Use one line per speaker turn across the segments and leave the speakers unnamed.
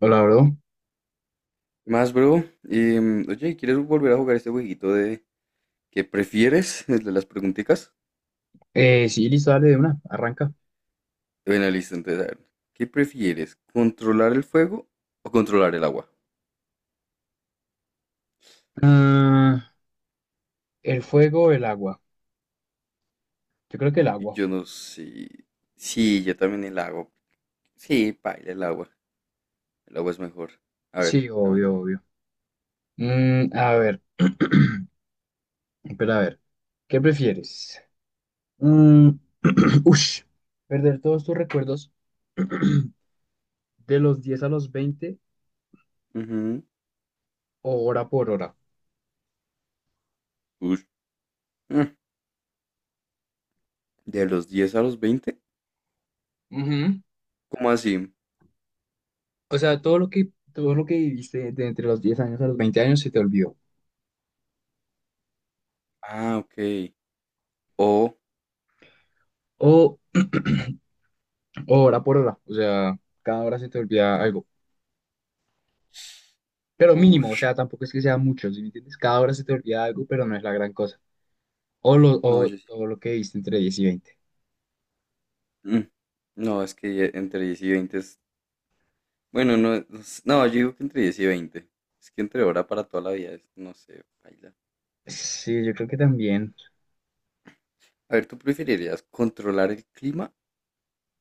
Hola, bro.
¿Qué más, bro? Y, oye, ¿quieres volver a jugar ese jueguito de qué prefieres? El de las preguntitas.
Sí, listo, dale de una, arranca.
Bueno, listo, entonces, a ver. ¿Qué prefieres? ¿Controlar el fuego o controlar el agua?
Ah, el fuego, el agua. Yo creo que el
Y
agua.
yo no sé. Sí, yo también el agua. Sí, paila, el agua. El agua es mejor. A ver,
Sí,
dame tú.
obvio, obvio. A ver, espera, a ver. ¿Qué prefieres? Mm, ush, ¿perder todos tus recuerdos de los 10 a los 20
Ujú.
o hora por hora?
Ush. Mm, ¿De los 10 a los 20?
Ujú.
¿Cómo así?
O sea, todo lo que viviste de entre los 10 años a los 20 años se te olvidó.
Ah, ok. O.
O, o hora por hora. O sea, cada hora se te olvida algo, pero mínimo,
Uff.
o sea, tampoco es que sea mucho, ¿sí me entiendes? Cada hora se te olvida algo, pero no es la gran cosa.
No, yo sí.
O lo que viste entre 10 y 20.
Mm. No, es que ya entre 10 y 20. Bueno, no, no, no, yo digo que entre 10 y veinte. Es que entre hora para toda la vida es, no sé, baila.
Sí, yo creo que también
A ver, ¿tú preferirías controlar el clima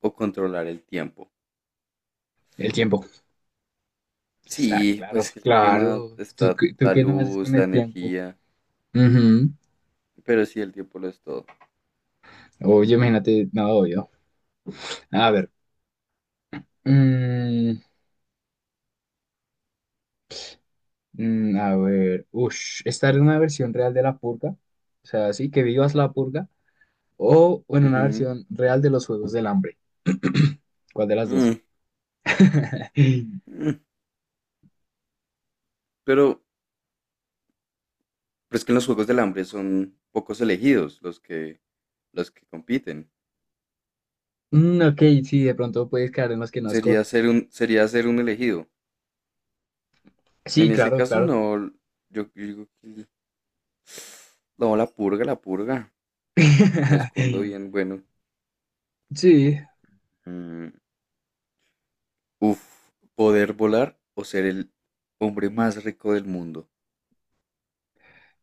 o controlar el tiempo?
el tiempo. Está
Sí,
claro,
pues que el clima
claro.
está
¿Tú
la
qué no haces
luz,
con
la
el tiempo?
energía,
Ujú.
pero sí, el tiempo lo es todo.
Oye, imagínate, no, obvio. A ver. mm, a ver. Ush, estar en una versión real de la purga. O sea, sí, que vivas la purga. O en una
Ujú.
versión real de los Juegos del Hambre. ¿Cuál de las dos?
Mm, mm. Pero, pero es que en los Juegos del Hambre son pocos elegidos los que compiten.
Ok, sí, de pronto puedes caer en los que no
Sería
escogen.
ser un, sería ser un elegido.
Sí,
En ese
claro,
caso,
claro.
no, yo digo que no, la purga, la purga. Me escondo bien, bueno.
Sí,
mm, Uf, poder volar o ser el hombre más rico del mundo.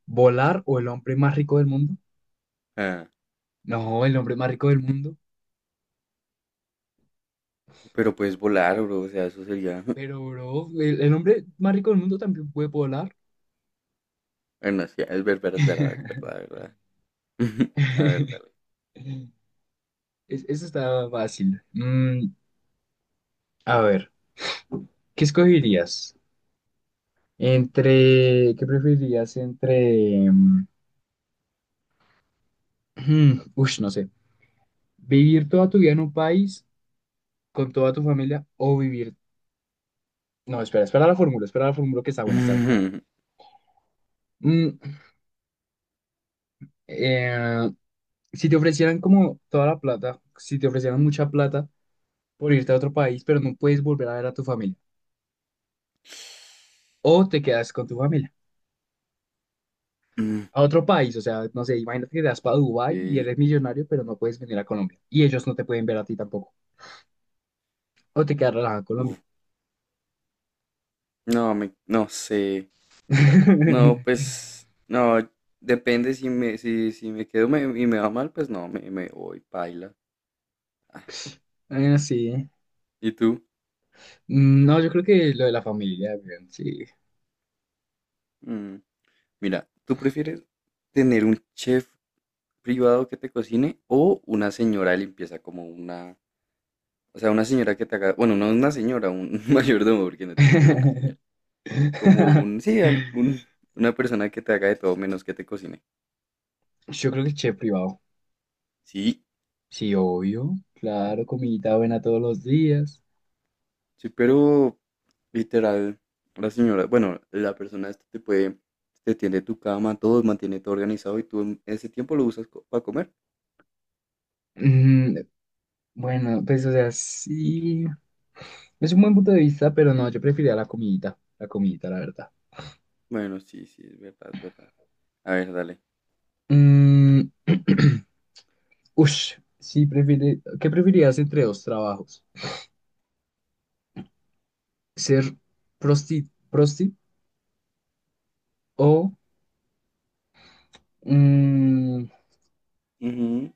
volar o el hombre más rico del mundo.
Ah,
No, el hombre más rico del mundo.
pero puedes volar, bro, o sea, eso sería.
Pero, bro, el hombre más rico del mundo también puede volar.
Bueno, sí, es verdad, es verdad, es verdad, es verdad. A ver, dale.
Eso está fácil. A ver, ¿qué escogerías? ¿Qué preferirías entre, no sé, vivir toda tu vida en un país con toda tu familia o vivir No, espera, espera la fórmula que está buena, está buena. Mm, eh, si te ofrecieran como toda la plata, si te ofrecieran mucha plata por irte a otro país, pero no puedes volver a ver a tu familia, o te quedas con tu familia
Mm,
a otro país, o sea, no sé, imagínate que te vas para Dubái y
ok,
eres millonario, pero no puedes venir a Colombia, y ellos no te pueden ver a ti tampoco, o te quedas relajado en Colombia.
uf, no, no sé. No, pues, no, depende si me quedo y me va mal, pues no, me voy, paila. Ah,
Sí.
¿y tú?
No, yo creo que lo de la familia, weón, sí.
Mm. Mira, ¿tú prefieres tener un chef privado que te cocine o una señora de limpieza o sea, una señora que te haga, bueno, no una señora, un mayordomo, porque no tiene que ser una señora, sí, una persona que te haga de todo menos que te cocine.
Yo creo que chef privado.
Sí,
Sí, obvio, claro, comidita buena todos los días.
sí, pero literal, la señora, bueno, la persona esta te tiende tu cama, todo, mantiene todo organizado y tú en ese tiempo lo usas para comer.
Mm, bueno, pues o sea, sí, es un buen punto de vista, pero no, yo preferiría la comidita, la comidita, la verdad.
Bueno, sí, sí, es verdad, es verdad. A ver, dale.
Mm, ush, sí, ¿qué preferirías entre dos trabajos? ¿Ser prosti o... mm,
Ujú.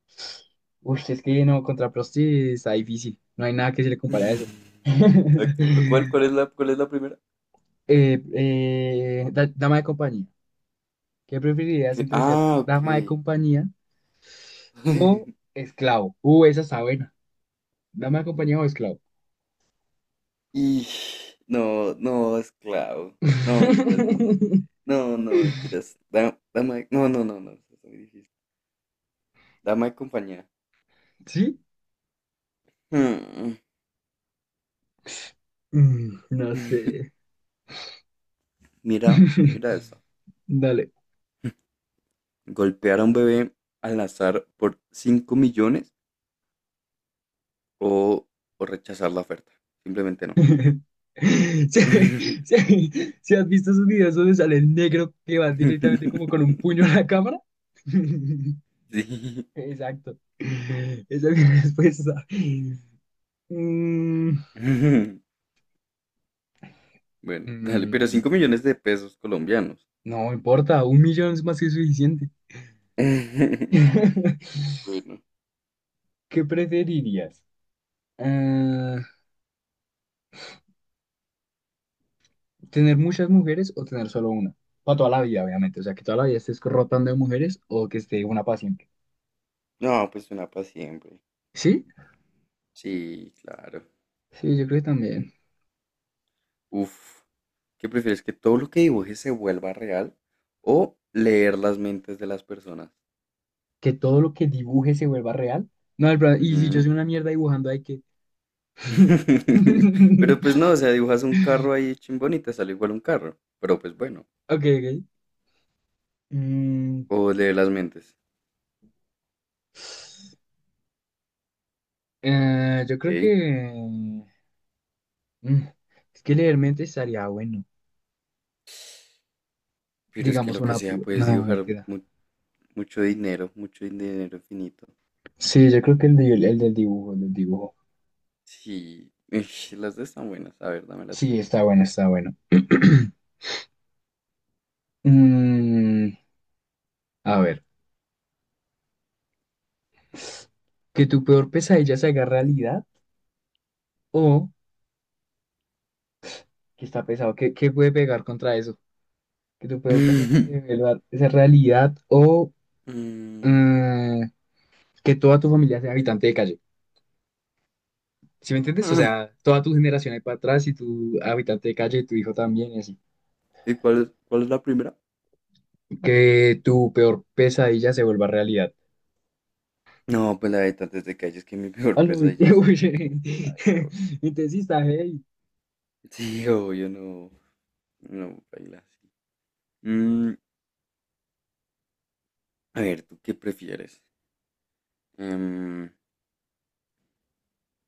ush, es que no, contra prosti está difícil, no hay nada que se le compare a eso.
Ok, ¿Cuál, cuál es la, cuál es la primera?
Dama de compañía. ¿Qué preferirías entre ser
Ah,
dama de
ok.
compañía o esclavo? Esa está buena. ¿Dama de compañía o esclavo?
Y no, no, esclavo. No, mentiras, no, no. No, no, mentiras. Dama, no, no, no, no, eso está muy difícil. Dama de compañía.
¿Sí?
Hmm.
No sé.
Mira, mira eso.
Dale.
Golpear a un bebé al azar por 5 millones o, o rechazar la oferta. Simplemente no.
Si, si- si has visto esos videos donde sale el negro que va directamente como con un puño a la cámara.
Sí.
Exacto. Esa es mi respuesta. Mm,
Bueno, dale, pero 5
mm,
millones de pesos colombianos.
no importa, 1 millón es más que suficiente.
Bueno,
¿Qué preferirías? Ah, ¿Tener muchas mujeres o tener solo una? Para toda la vida, obviamente. O sea, que toda la vida estés rotando de mujeres o que esté una para siempre.
no, pues una para siempre.
¿Sí?
Sí, claro.
Sí, yo creo que también.
Uf, ¿qué prefieres? ¿Que todo lo que dibujes se vuelva real o leer las mentes de las personas?
Que todo lo que dibuje se vuelva real. Y si yo
Ujú.
soy una mierda dibujando, hay que...
Pero pues no, o sea, dibujas un carro ahí chimbón y te sale igual un carro. Pero pues bueno,
Ok, ok. Mm,
o leer las mentes.
yo creo
Ey,
que... mm, es que leer mente estaría bueno.
pero es que lo que sea,
No,
puedes dibujar
mentira.
mucho dinero infinito.
Sí, yo creo que el, de el del dibujo, el del dibujo.
Sí, las dos están buenas. A ver, dame la
Sí,
tuya.
está bueno, está bueno. Mm, a ver, que tu peor pesadilla se haga realidad o que está pesado, ¿qué puede pegar contra eso? Que tu peor pesadilla se vuelva esa realidad o mm, que toda tu familia sea habitante de calle. ¿Sí me entiendes? O sea, toda tu generación ahí para atrás y tu habitante de calle y tu hijo también y así.
¿Y cuál es la primera?
Que tu peor pesadilla se vuelva realidad.
No, pues la de tantas de calles que mi
Ah,
peor
no, uy,
pesadilla es
uy,
paila, bro.
Entonces, sí está, hey.
Sí, obvio, no. No, paila, sí. Mm, a ver, ¿tú qué prefieres? Em,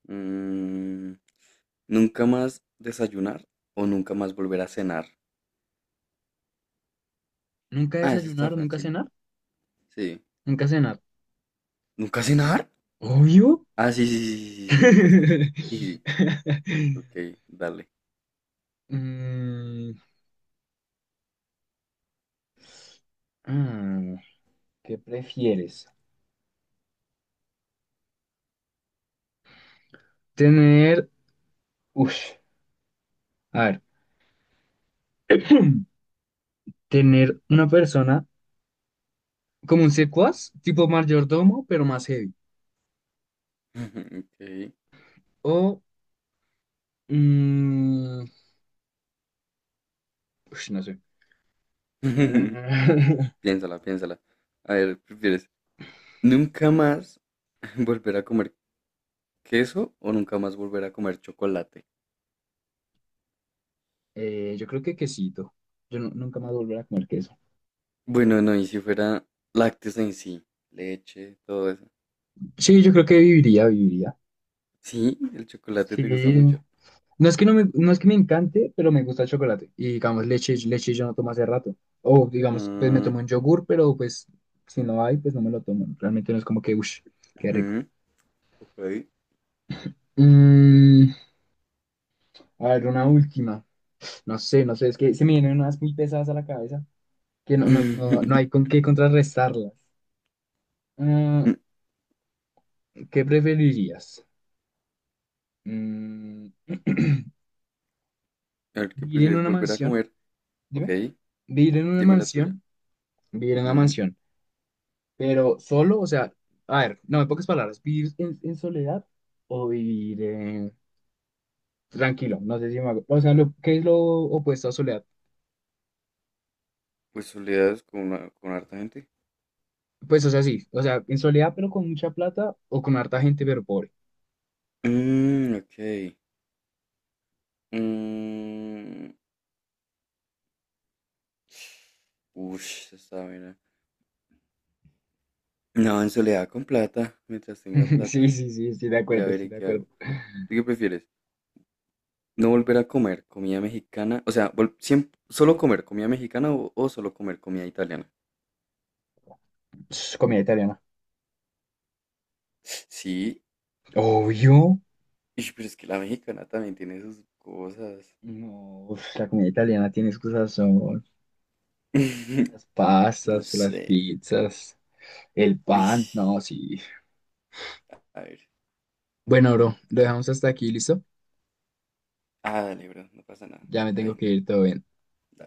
mm, ¿Nunca más desayunar o nunca más volver a cenar?
¿Nunca
Ah, eso está
desayunar, nunca
fácil.
cenar?
Sí.
Nunca cenar.
¿Nunca cenar?
Obvio.
Ah, sí, sí, sí, sí, sí, nunca cenar. Sí, sí, sí. Ok, dale.
Mm, ah, ¿qué prefieres? Tener, uff, a ver, tener una persona como un secuaz, tipo mayordomo, pero más heavy.
Ok.
O, mm, ush, no sé.
Piénsala, piénsala. A ver, ¿prefieres nunca más volver a comer queso o nunca más volver a comer chocolate?
Yo creo que quesito. Nunca más volveré a comer queso.
Bueno, no, y si fuera lácteos en sí, leche, todo eso.
Sí, yo creo que viviría, viviría.
Sí, el chocolate
Sí,
te gusta mucho.
No es que me encante, pero me gusta el chocolate. Y digamos, leche, leche yo no tomo hace rato. O digamos, pues me
Mm,
tomo un yogur, pero pues si no hay, pues no me lo tomo. Realmente no es como que, uff, qué rico.
ujú, ok.
Mm, a ver, una última. No sé, no sé, es que se me vienen unas muy pesadas a la cabeza que no hay con qué contrarrestarlas. Ah,
Mm,
¿Qué preferirías? Mm,
A ver, ¿qué
¿Vivir en
prefieres
una
volver a
mansión?
comer? Ok,
Dime. ¿Vivir en una
dime la tuya.
mansión? Vivir en una
Ujú.
mansión Pero solo, o sea, a ver, no, en pocas palabras, vivir en soledad o vivir tranquilo, no sé si me hago- O sea, lo, ¿qué es lo opuesto a soledad?
Pues soledades con harta gente.
Pues, o sea, sí, o sea, en soledad pero con mucha plata o con harta gente pero pobre.
Ok. Mm, ush, esa está buena. No, en soledad con plata, mientras tenga
Sí,
plata.
sí, sí, estoy de
Ya
acuerdo, estoy
veré
de
qué hago.
acuerdo.
¿Tú qué prefieres? ¿No volver a comer comida mexicana? O sea, siempre, solo comer comida mexicana o solo comer comida italiana.
Ps, comida italiana.
Sí,
Obvio.
ish, pero es que la mexicana también tiene sus cosas.
No, uf, la comida italiana tiene sus son Las
No
pastas, las
sé.
pizzas, el
Uy,
pan, no, sí.
a ver.
Bueno, bro, lo dejamos hasta aquí, ¿listo?
Ah, dale, bro, no pasa nada.
Ya me
Está
tengo que
bien.
ir, todo bien.